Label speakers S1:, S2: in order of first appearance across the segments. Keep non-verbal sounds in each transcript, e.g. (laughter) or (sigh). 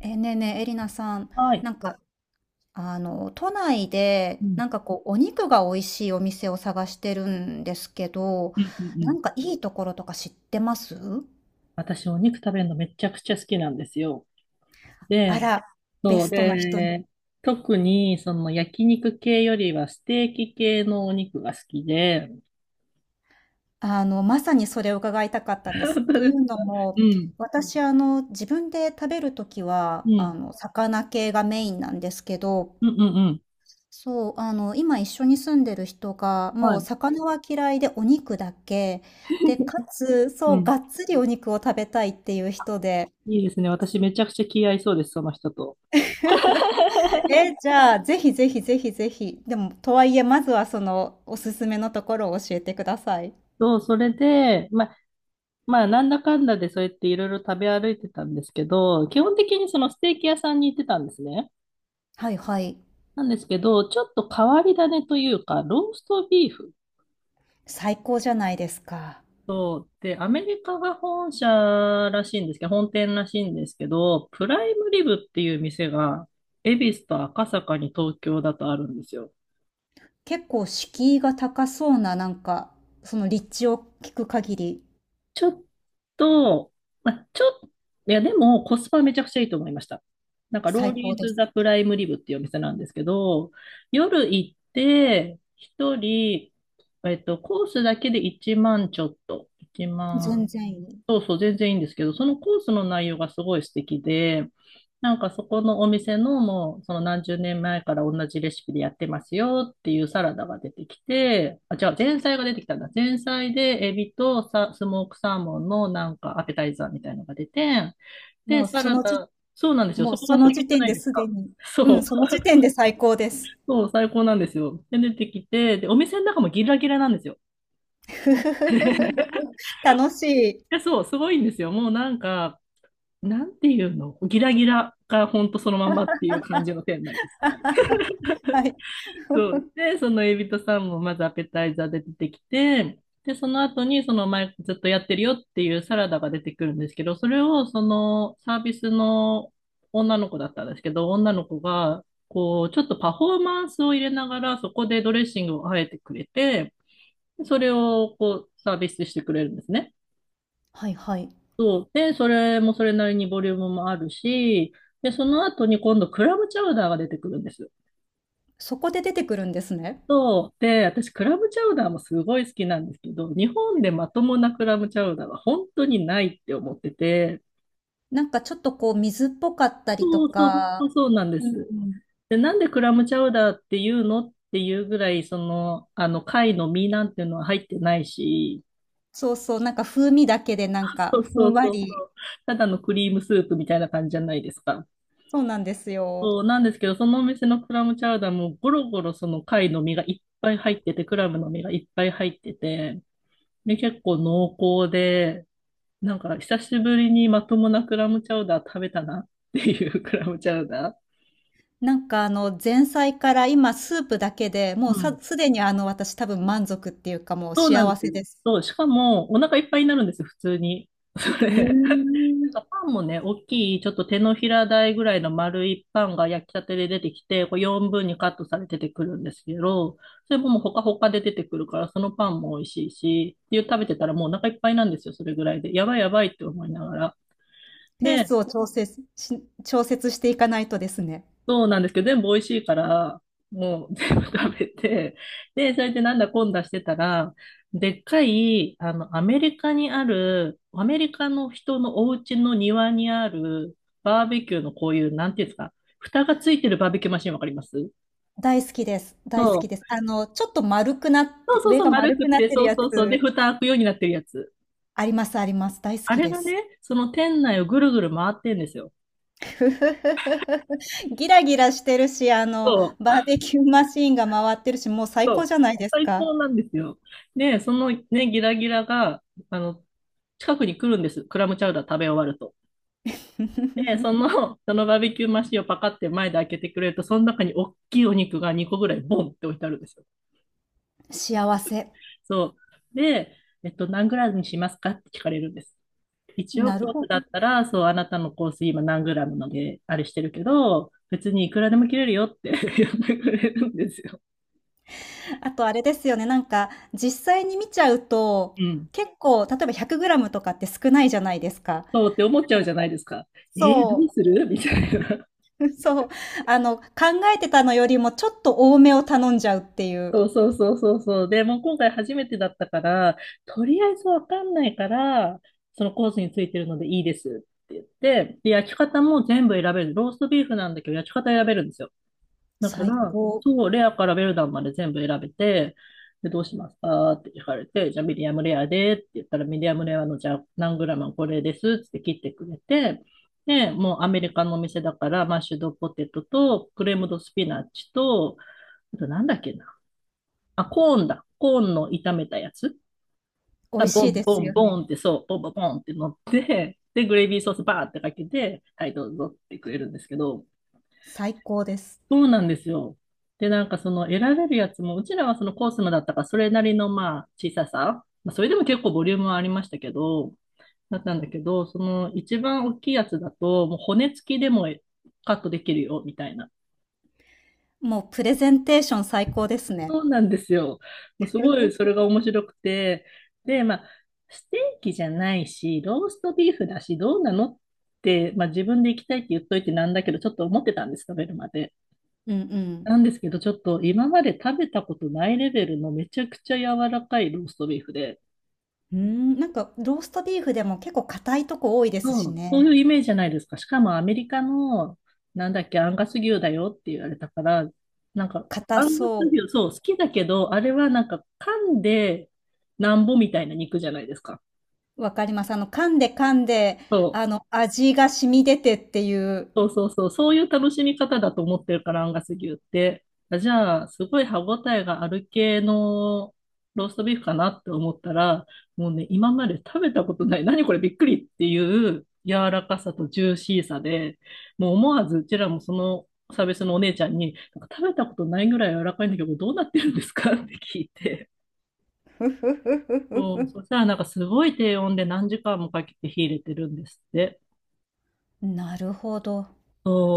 S1: ねえねえ、エリナさん、
S2: はい。
S1: なんか、都内
S2: う
S1: で、
S2: ん。
S1: お肉が美味しいお店を探してるんですけど、
S2: うんうんう
S1: な
S2: ん。
S1: んかいいところとか知ってます
S2: 私、お肉食べるのめちゃくちゃ好きなんですよ。
S1: あ
S2: で、
S1: ら、ベ
S2: そう、
S1: ストな人に。
S2: で、特に、その焼肉系よりはステーキ系のお肉が好きで。
S1: まさにそれを伺いたかったんです。
S2: 本当
S1: ってい
S2: です。
S1: うの
S2: う
S1: も、
S2: ん。
S1: 私、自分で食べるとき
S2: う
S1: は、
S2: ん。
S1: 魚系がメインなんですけど、
S2: うんうんうん。
S1: そう、今一緒に住んでる人が、
S2: は
S1: もう
S2: い。
S1: 魚は嫌いでお肉だけ、で、かつ、
S2: う
S1: そう、
S2: ん。
S1: がっつりお肉を食べたいっていう人で、
S2: いいですね。私、めちゃくちゃ気合いそうです、その人と。(laughs)
S1: え、じゃあ、ぜひぜひぜひぜひ、でも、とはいえ、まずはその、おすすめのところを教えてください。
S2: そう、それで、まあ、なんだかんだでそうやっていろいろ食べ歩いてたんですけど、基本的にそのステーキ屋さんに行ってたんですね。
S1: はいはい。
S2: なんですけど、ちょっと変わり種というか、ローストビーフ
S1: 最高じゃないですか。
S2: と、で、アメリカが本社らしいんですけど、本店らしいんですけど、プライムリブっていう店が、恵比寿と赤坂に東京だとあるんですよ。
S1: 結構敷居が高そうな、その立地を聞く限り、
S2: ちょっと、まあ、ちょっと、いや、でもコスパめちゃくちゃいいと思いました。ロー
S1: 最高
S2: リー
S1: で
S2: ズ・
S1: す。
S2: ザ・プライムリブっていうお店なんですけど、夜行って、一人、コースだけで1万ちょっと、1
S1: 全
S2: 万、
S1: 然いい。
S2: そうそう、全然いいんですけど、そのコースの内容がすごい素敵で、なんかそこのお店のもう、その何十年前から同じレシピでやってますよっていうサラダが出てきて、あ、違う、前菜が出てきたんだ。前菜でエビとスモークサーモンのなんかアペタイザーみたいのが出て、で、
S1: もう
S2: サ
S1: そ
S2: ラ
S1: の時
S2: ダ、そうなんですよ。
S1: も
S2: そ
S1: う
S2: こ
S1: そ
S2: が素
S1: の
S2: 敵じ
S1: 時
S2: ゃ
S1: 点
S2: ない
S1: で
S2: です
S1: す
S2: か。
S1: でに、
S2: (laughs) そ
S1: うん、
S2: う、
S1: その時点で最高です。
S2: そう、最高なんですよ。で、出てきて、で、お店の中もギラギラなんですよ。(laughs)
S1: (laughs) 楽しい。
S2: いやそう、すごいんですよ。もうなんか、なんていうのギラギラがほんとそのままっていう感じの店内です。
S1: はい。
S2: そう。で、そのエビとサーモンまずアペタイザーで出てきて、で、その後にその前ずっとやってるよっていうサラダが出てくるんですけど、それをそのサービスの女の子だったんですけど、女の子がこうちょっとパフォーマンスを入れながらそこでドレッシングをあえてくれて、それをこうサービスしてくれるんですね。
S1: はいはい。
S2: そう。で、それもそれなりにボリュームもあるし、で、その後に今度クラムチャウダーが出てくるんです。
S1: そこで出てくるんですね。
S2: そう。で、私クラムチャウダーもすごい好きなんですけど、日本でまともなクラムチャウダーは本当にないって思ってて、
S1: なんかちょっとこう水っぽかったりと
S2: そうそうそうそう
S1: か、
S2: そうなんで
S1: うん
S2: す。
S1: うん。
S2: で、なんでクラムチャウダーっていうのっていうぐらい、その、貝の身なんていうのは入ってないし、
S1: そうそう、なんか風味だけでなん
S2: そ
S1: か
S2: う
S1: ふ
S2: そ
S1: ん
S2: う
S1: わ
S2: そうそ
S1: り、
S2: う。ただのクリームスープみたいな感じじゃないですか。
S1: そうなんですよ。
S2: そうなんですけど、そのお店のクラムチャウダーもゴロゴロその貝の身がいっぱい入ってて、クラムの身がいっぱい入ってて、で、結構濃厚で、なんか久しぶりにまともなクラムチャウダー食べたなっていう (laughs) クラムチャウダー。
S1: なんかあの前菜から今スープだけで、もう
S2: う
S1: さ
S2: ん。
S1: すでにあの私多分満足っていうかもう
S2: そうなん
S1: 幸
S2: です
S1: せ
S2: よ。
S1: です。
S2: そう、しかもお腹いっぱいになるんですよ、普通に。そ
S1: へ
S2: れ。な
S1: ん。
S2: んかパンもね、大きい、ちょっと手のひら大ぐらいの丸いパンが焼きたてで出てきて、こう4分にカットされて出てくるんですけど、それももうほかほかで出てくるから、そのパンも美味しいし、っていう食べてたらもうお腹いっぱいなんですよ、それぐらいで。やばいやばいって思いながら。
S1: ペース
S2: で、
S1: を調節し調節していかないとですね。
S2: そうなんですけど、全部美味しいから、もう全部食べて、で、それでなんだこんだしてたら、でっかい、アメリカにある、アメリカの人のお家の庭にある、バーベキューのこういう、なんていうんですか、蓋がついてるバーベキューマシンわかります。
S1: 大好きです。大好
S2: そ
S1: きです。
S2: う。
S1: あの、ちょっと丸くなっ
S2: そう
S1: て、
S2: そう
S1: 上
S2: そう、
S1: が
S2: 丸
S1: 丸
S2: くっ
S1: くなっ
S2: て、
S1: て
S2: そ
S1: る
S2: う
S1: やつ、
S2: そうそう。で、蓋開くようになってるやつ。
S1: ありますあります。大好
S2: あ
S1: き
S2: れ
S1: で
S2: がね、
S1: す。
S2: その店内をぐるぐる回ってんですよ。
S1: (laughs) ギラギラしてるし、あの、
S2: そ
S1: バ
S2: う、
S1: ーベキューマシーンが回ってるし、もう最
S2: そ
S1: 高
S2: う。
S1: じゃないです
S2: 最
S1: か。
S2: 高なんですよ。で、そのね、ギラギラが、あの、近くに来るんです。クラムチャウダー食べ終わると。で、そ
S1: (laughs)
S2: の、(laughs) そのバーベキューマシンをパカって前で開けてくれると、その中に大きいお肉が2個ぐらいボンって置いてあるんですよ。
S1: 幸せ。
S2: そう。で、何グラムにしますかって聞かれるんです。一応
S1: なる
S2: コー
S1: ほ
S2: ス
S1: ど。
S2: だったら、そう、あなたのコース今何グラムので、あれしてるけど、別にいくらでも切れるよって (laughs) 言ってくれるんですよ。
S1: あとあれですよね、なんか、実際に見ちゃうと、
S2: うん。
S1: 結構、例えば100グラムとかって少ないじゃないですか。
S2: そうって思っちゃうじゃないですか。えー、どう
S1: そ
S2: するみたいな。
S1: う、(laughs) そう。あの、考えてたのよりもちょっと多めを頼んじゃうっていう。
S2: そうそうそうそうそう。で、もう今回初めてだったから、とりあえずわかんないから、そのコースについてるのでいいですって言って、で、焼き方も全部選べる。ローストビーフなんだけど、焼き方選べるんですよ。だか
S1: 最
S2: ら、
S1: 高。
S2: そう、レアからベルダンまで全部選べて、で、どうしますかって聞かれて、じゃあミディアムレアでって言ったら、ミディアムレアのじゃあ何グラムこれですって切ってくれて、で、もうアメリカのお店だから、マッシュドポテトと、クレームドスピナッチと、あとなんだっけな。あ、コーンだ。コーンの炒めたやつ。
S1: 美
S2: あ、
S1: 味
S2: ボ
S1: しい
S2: ン
S1: で
S2: ボ
S1: す
S2: ン
S1: よ
S2: ボンっ
S1: ね。
S2: てそう、ボンボンボンって乗って、で、グレービーソースバーってかけて、はい、どうぞってくれるんですけど、
S1: 最高です。
S2: そうなんですよ。で、なんかその選べるやつも、うちらはそのコースのだったから、それなりのまあ小ささ、まあ、それでも結構ボリュームはありましたけど、だったんだけど、その一番大きいやつだと、もう骨付きでもカットできるよ、みたいな。
S1: もうプレゼンテーション最高ですね。
S2: そうなんですよ。もうすごいそれが面白くて、で、まあ、ステーキじゃないし、ローストビーフだし、どうなのって、まあ、自分で行きたいって言っといてなんだけど、ちょっと思ってたんです、食べるまで。
S1: うんうん。
S2: なんですけど、ちょっと今まで食べたことないレベルのめちゃくちゃ柔らかいローストビーフで、
S1: うーん、なんかローストビーフでも結構硬いとこ多いです
S2: そ
S1: し
S2: う、そうい
S1: ね。
S2: うイメージじゃないですか。しかもアメリカの、なんだっけ、アンガス牛だよって言われたから、
S1: 硬
S2: アンガス
S1: そ
S2: 牛、そう、好きだけど、あれはなんか、噛んでなんぼみたいな肉じゃないですか。
S1: う。わかります。あの、噛んで噛んで、
S2: そう
S1: あの、味が染み出てっていう。
S2: そうそうそう、そういう楽しみ方だと思ってるから、アンガス牛って。あじゃあ、すごい歯ごたえがある系のローストビーフかなって思ったら、もうね、今まで食べたことない、何これびっくりっていう柔らかさとジューシーさで、もう思わずうちらもそのサービスのお姉ちゃんに、なんか食べたことないぐらい柔らかいんだけど、どうなってるんですかって聞いて。
S1: ふふふふふ
S2: そう、
S1: ふ。
S2: そしたらなんかすごい低温で何時間もかけて火入れてるんですって。
S1: なるほど。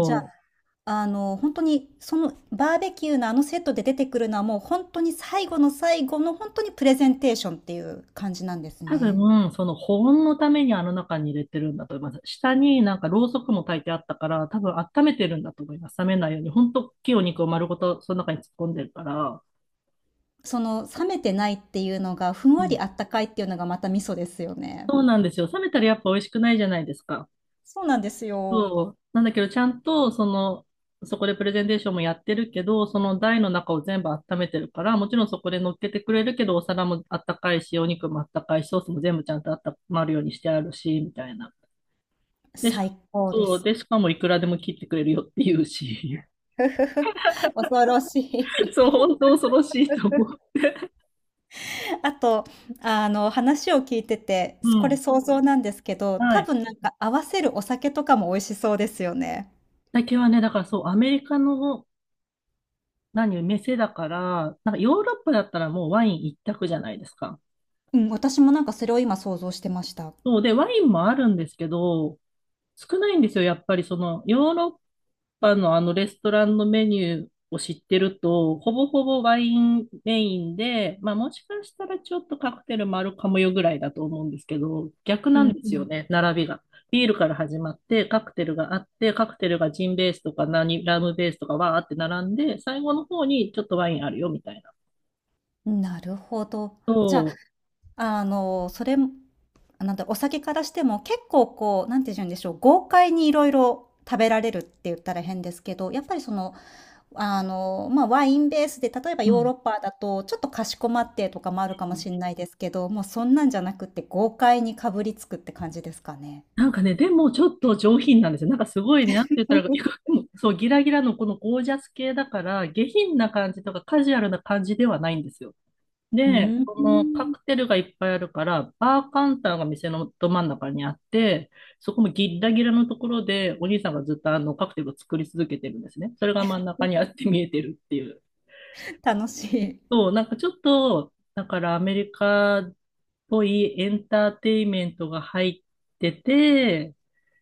S1: じゃあ、
S2: う。
S1: あの、本当に、そのバーベキューのあのセットで出てくるのはもう本当に最後の最後の本当にプレゼンテーションっていう感じなんです
S2: 多
S1: ね。
S2: 分、その保温のためにあの中に入れてるんだと思います。下になんかろうそくも焚いてあったから、多分温めてるんだと思います。冷めないように。ほんと、大きいお肉を丸ごとその中に突っ込んでるから。
S1: その冷めてないっていうのがふん
S2: う
S1: わり
S2: ん。
S1: あったかいっていうのがまた味噌ですよね。
S2: そうなんですよ。冷めたらやっぱ美味しくないじゃないですか。
S1: そうなんですよ。
S2: そう。なんだけど、ちゃんと、その、そこでプレゼンテーションもやってるけど、その台の中を全部温めてるから、もちろんそこで乗っけてくれるけど、お皿もあったかいし、お肉もあったかいし、ソースも全部ちゃんとあったまるようにしてあるし、みたいな。で、し
S1: 最高で
S2: そう、
S1: す。
S2: で、しかもいくらでも切ってくれるよって言うし。
S1: (laughs) 恐ろし
S2: (laughs)
S1: い。
S2: そう、本当恐ろしいと思う。
S1: あと、あの、話を聞いてて、
S2: う
S1: これ
S2: ん。
S1: 想像なんですけど、
S2: は
S1: 多
S2: い。
S1: 分なんか合わせるお酒とかも美味しそうですよね。
S2: 酒はね、だからそう、アメリカの、何、店だから、なんかヨーロッパだったらもうワイン一択じゃないですか。
S1: うん、私もなんかそれを今想像してました。
S2: そうで、ワインもあるんですけど、少ないんですよ、やっぱりその、ヨーロッパのあのレストランのメニューを知ってると、ほぼほぼワインメインで、まあもしかしたらちょっとカクテルもあるかもよぐらいだと思うんですけど、逆
S1: う
S2: なんですよ
S1: ん
S2: ね、並びが。ビールから始まって、カクテルがあって、カクテルがジンベースとか何、ラムベースとかわーって並んで、最後の方にちょっとワインあるよみたいな。
S1: うん。なるほど。じゃ
S2: そ
S1: あ、あの、それもなんだ、お酒からしても、結構こう、なんて言うんでしょう、豪快にいろいろ食べられるって言ったら変ですけど、やっぱりその、あの、まあ、ワインベースで、例えば
S2: う。う
S1: ヨーロ
S2: ん。
S1: ッパだと、ちょっとかしこまってとかもあるかもしれないですけど、もうそんなんじゃなくて、豪快にかぶりつくって感じですかね。
S2: なんかね、でもちょっと上品なんですよ。なんかすごいね、なんて言ったら、いやで
S1: (laughs)
S2: も (laughs) そう、ギラギラのこのゴージャス系だから、下品な感じとかカジュアルな感じではないんですよ。
S1: う
S2: で、
S1: ー
S2: このカ
S1: ん。
S2: クテルがいっぱいあるから、バーカウンターが店のど真ん中にあって、そこもギッラギラのところで、お兄さんがずっとあのカクテルを作り続けてるんですね。それが真ん中にあって見えてるっていう。
S1: 楽しい。
S2: そう、なんかちょっと、だからアメリカっぽいエンターテインメントが入ってて、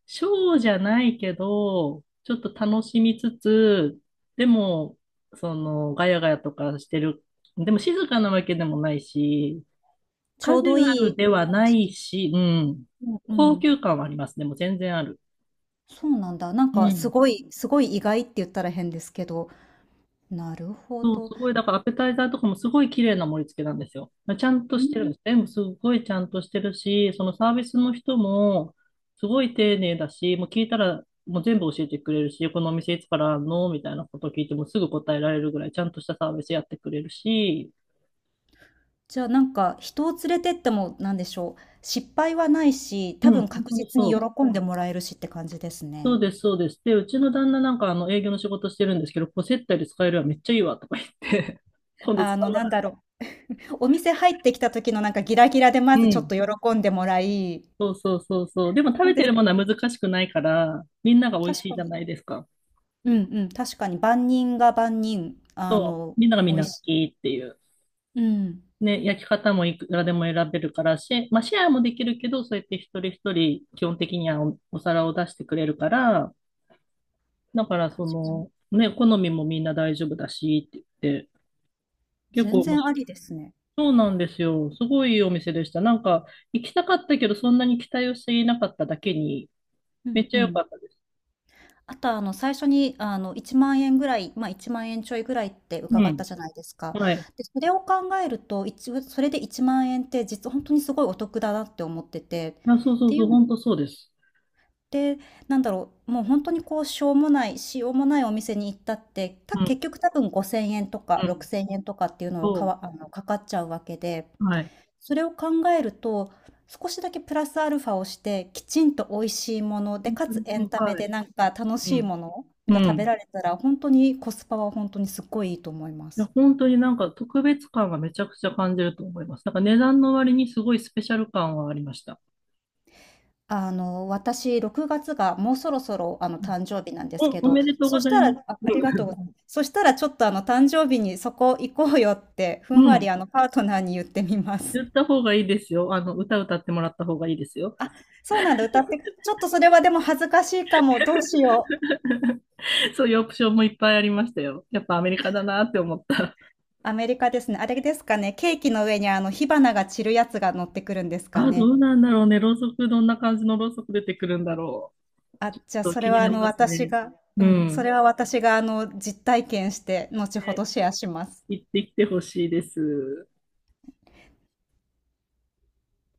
S2: ショーじゃないけど、ちょっと楽しみつつ、でも、その、ガヤガヤとかしてる。でも静かなわけでもないし、
S1: ち
S2: カ
S1: ょう
S2: ジ
S1: ど
S2: ュア
S1: い
S2: ル
S1: い
S2: では
S1: 感
S2: な
S1: じ。
S2: いし、うん。
S1: うんう
S2: 高
S1: ん。
S2: 級感はありますね。でもう全然ある。
S1: そうなんだ。
S2: うん。
S1: すごい意外って言ったら変ですけど、なるほ
S2: そう、
S1: ど。
S2: すごい、だからアペタイザーとかもすごい綺麗な盛り付けなんですよ。ちゃんと
S1: う
S2: してるんで
S1: ん、
S2: すね。全部すごいちゃんとしてるし、そのサービスの人もすごい丁寧だし、もう聞いたらもう全部教えてくれるし、このお店いつからあんのみたいなこと聞いてもすぐ答えられるぐらいちゃんとしたサービスやってくれるし、
S1: じゃあ、なんか、人を連れてっても、なんでしょう、失敗はないし、
S2: う
S1: 多
S2: ん、
S1: 分
S2: 本
S1: 確
S2: 当に
S1: 実に
S2: そう。
S1: 喜んでもらえるしって感じです
S2: そう
S1: ね。
S2: です、そうです。で、うちの旦那なんかあの営業の仕事してるんですけど、こう接待で使えるわ、めっちゃいいわとか言って、(laughs) 今度
S1: あ
S2: 使
S1: の、
S2: う
S1: なん
S2: わ。
S1: だろう、お店入ってきた時のなんかギラギラで
S2: う
S1: まずちょっ
S2: ん。
S1: と喜んでもらい
S2: そうそうそうそう。でも食
S1: そ
S2: べ
S1: うで
S2: て
S1: す
S2: るも
S1: ね。
S2: のは難しくないから、みんなが美味
S1: 確
S2: しい
S1: か
S2: じゃ
S1: に。
S2: ないですか。
S1: うんうん、確かに万人が万人、あ
S2: そう。
S1: の、
S2: みんながみ
S1: 美
S2: ん
S1: 味
S2: な好
S1: しい。
S2: きっていう。
S1: うん、
S2: ね、焼き方もいくらでも選べるから、まあ、シェアもできるけど、そうやって一人一人基本的にはお皿を出してくれるから、だから
S1: 確
S2: そ
S1: かに。
S2: の、ね、好みもみんな大丈夫だしって言って、結
S1: 全
S2: 構面
S1: 然
S2: 白
S1: あ
S2: い。
S1: りですね。
S2: そうなんですよ。すごいいいお店でした。なんか、行きたかったけど、そんなに期待をしていなかっただけに、
S1: う
S2: めっ
S1: ん
S2: ち
S1: う
S2: ゃ良
S1: ん。
S2: かったです。
S1: あと、あの、最初に、あの、1万円ぐらい、まあ、1万円ちょいぐらいって
S2: う
S1: 伺っ
S2: ん。
S1: たじゃないですか。
S2: はい。
S1: で、それを考えると、一応それで1万円って実は本当にすごいお得だなって思ってて。
S2: あ、そう
S1: っ
S2: そう
S1: てい
S2: そう、
S1: うのっ
S2: 本当そうです。
S1: て、なんだろう、もう本当にこう、しようもないお店に行ったって、結局多分5,000円とか
S2: うん。
S1: 6,000円とかっていうのを
S2: そ
S1: あの、かかっちゃうわけで
S2: う。はい。
S1: それを考えると、少しだけプラスアルファをして、きちんと美味しいもので、
S2: 本
S1: か
S2: 当
S1: つ
S2: に
S1: エ
S2: そ
S1: ン
S2: う。
S1: タメ
S2: はい。
S1: でなんか楽
S2: う
S1: しい
S2: ん。
S1: もの
S2: う
S1: が食べ
S2: ん。
S1: られたら、本当にコスパは本当にすっごいいいと思いま
S2: いや、
S1: す。
S2: 本当になんか特別感がめちゃくちゃ感じると思います。なんか値段の割にすごいスペシャル感はありました。
S1: あの、私6月がもうそろそろ、あの、誕生日なんですけ
S2: お
S1: ど、
S2: めでとうご
S1: そし
S2: ざい
S1: た
S2: ます。
S1: らあ、ありがとうご
S2: (laughs)
S1: ざいます。そしたらちょっと、あの、誕生日にそこ行こうよって、ふん
S2: う
S1: わり、
S2: ん。
S1: あの、パートナーに言ってみます。
S2: 言った方がいいですよ。あの、歌ってもらった方がいいですよ。
S1: そうなんだ、歌ってちょっとそれはでも恥ずかしいかも、どうしよう。
S2: そういうオプションもいっぱいありましたよ。やっぱアメリカだなって思った。
S1: アメリカですね。あれですかね、ケーキの上にあの火花が散るやつが乗ってくるんですか
S2: あ、ど
S1: ね。
S2: うなんだろうね。ろうそく、どんな感じのろうそく出てくるんだろう。
S1: あ、
S2: ち
S1: じゃあ
S2: ょっと
S1: そ
S2: 気
S1: れ
S2: に
S1: は
S2: な
S1: あ
S2: り
S1: の
S2: ます
S1: 私
S2: ね。
S1: が、
S2: う
S1: うん、そ
S2: ん。
S1: れは私があの実体験して後ほど
S2: で、
S1: シェアします。
S2: 行ってきてほしいです。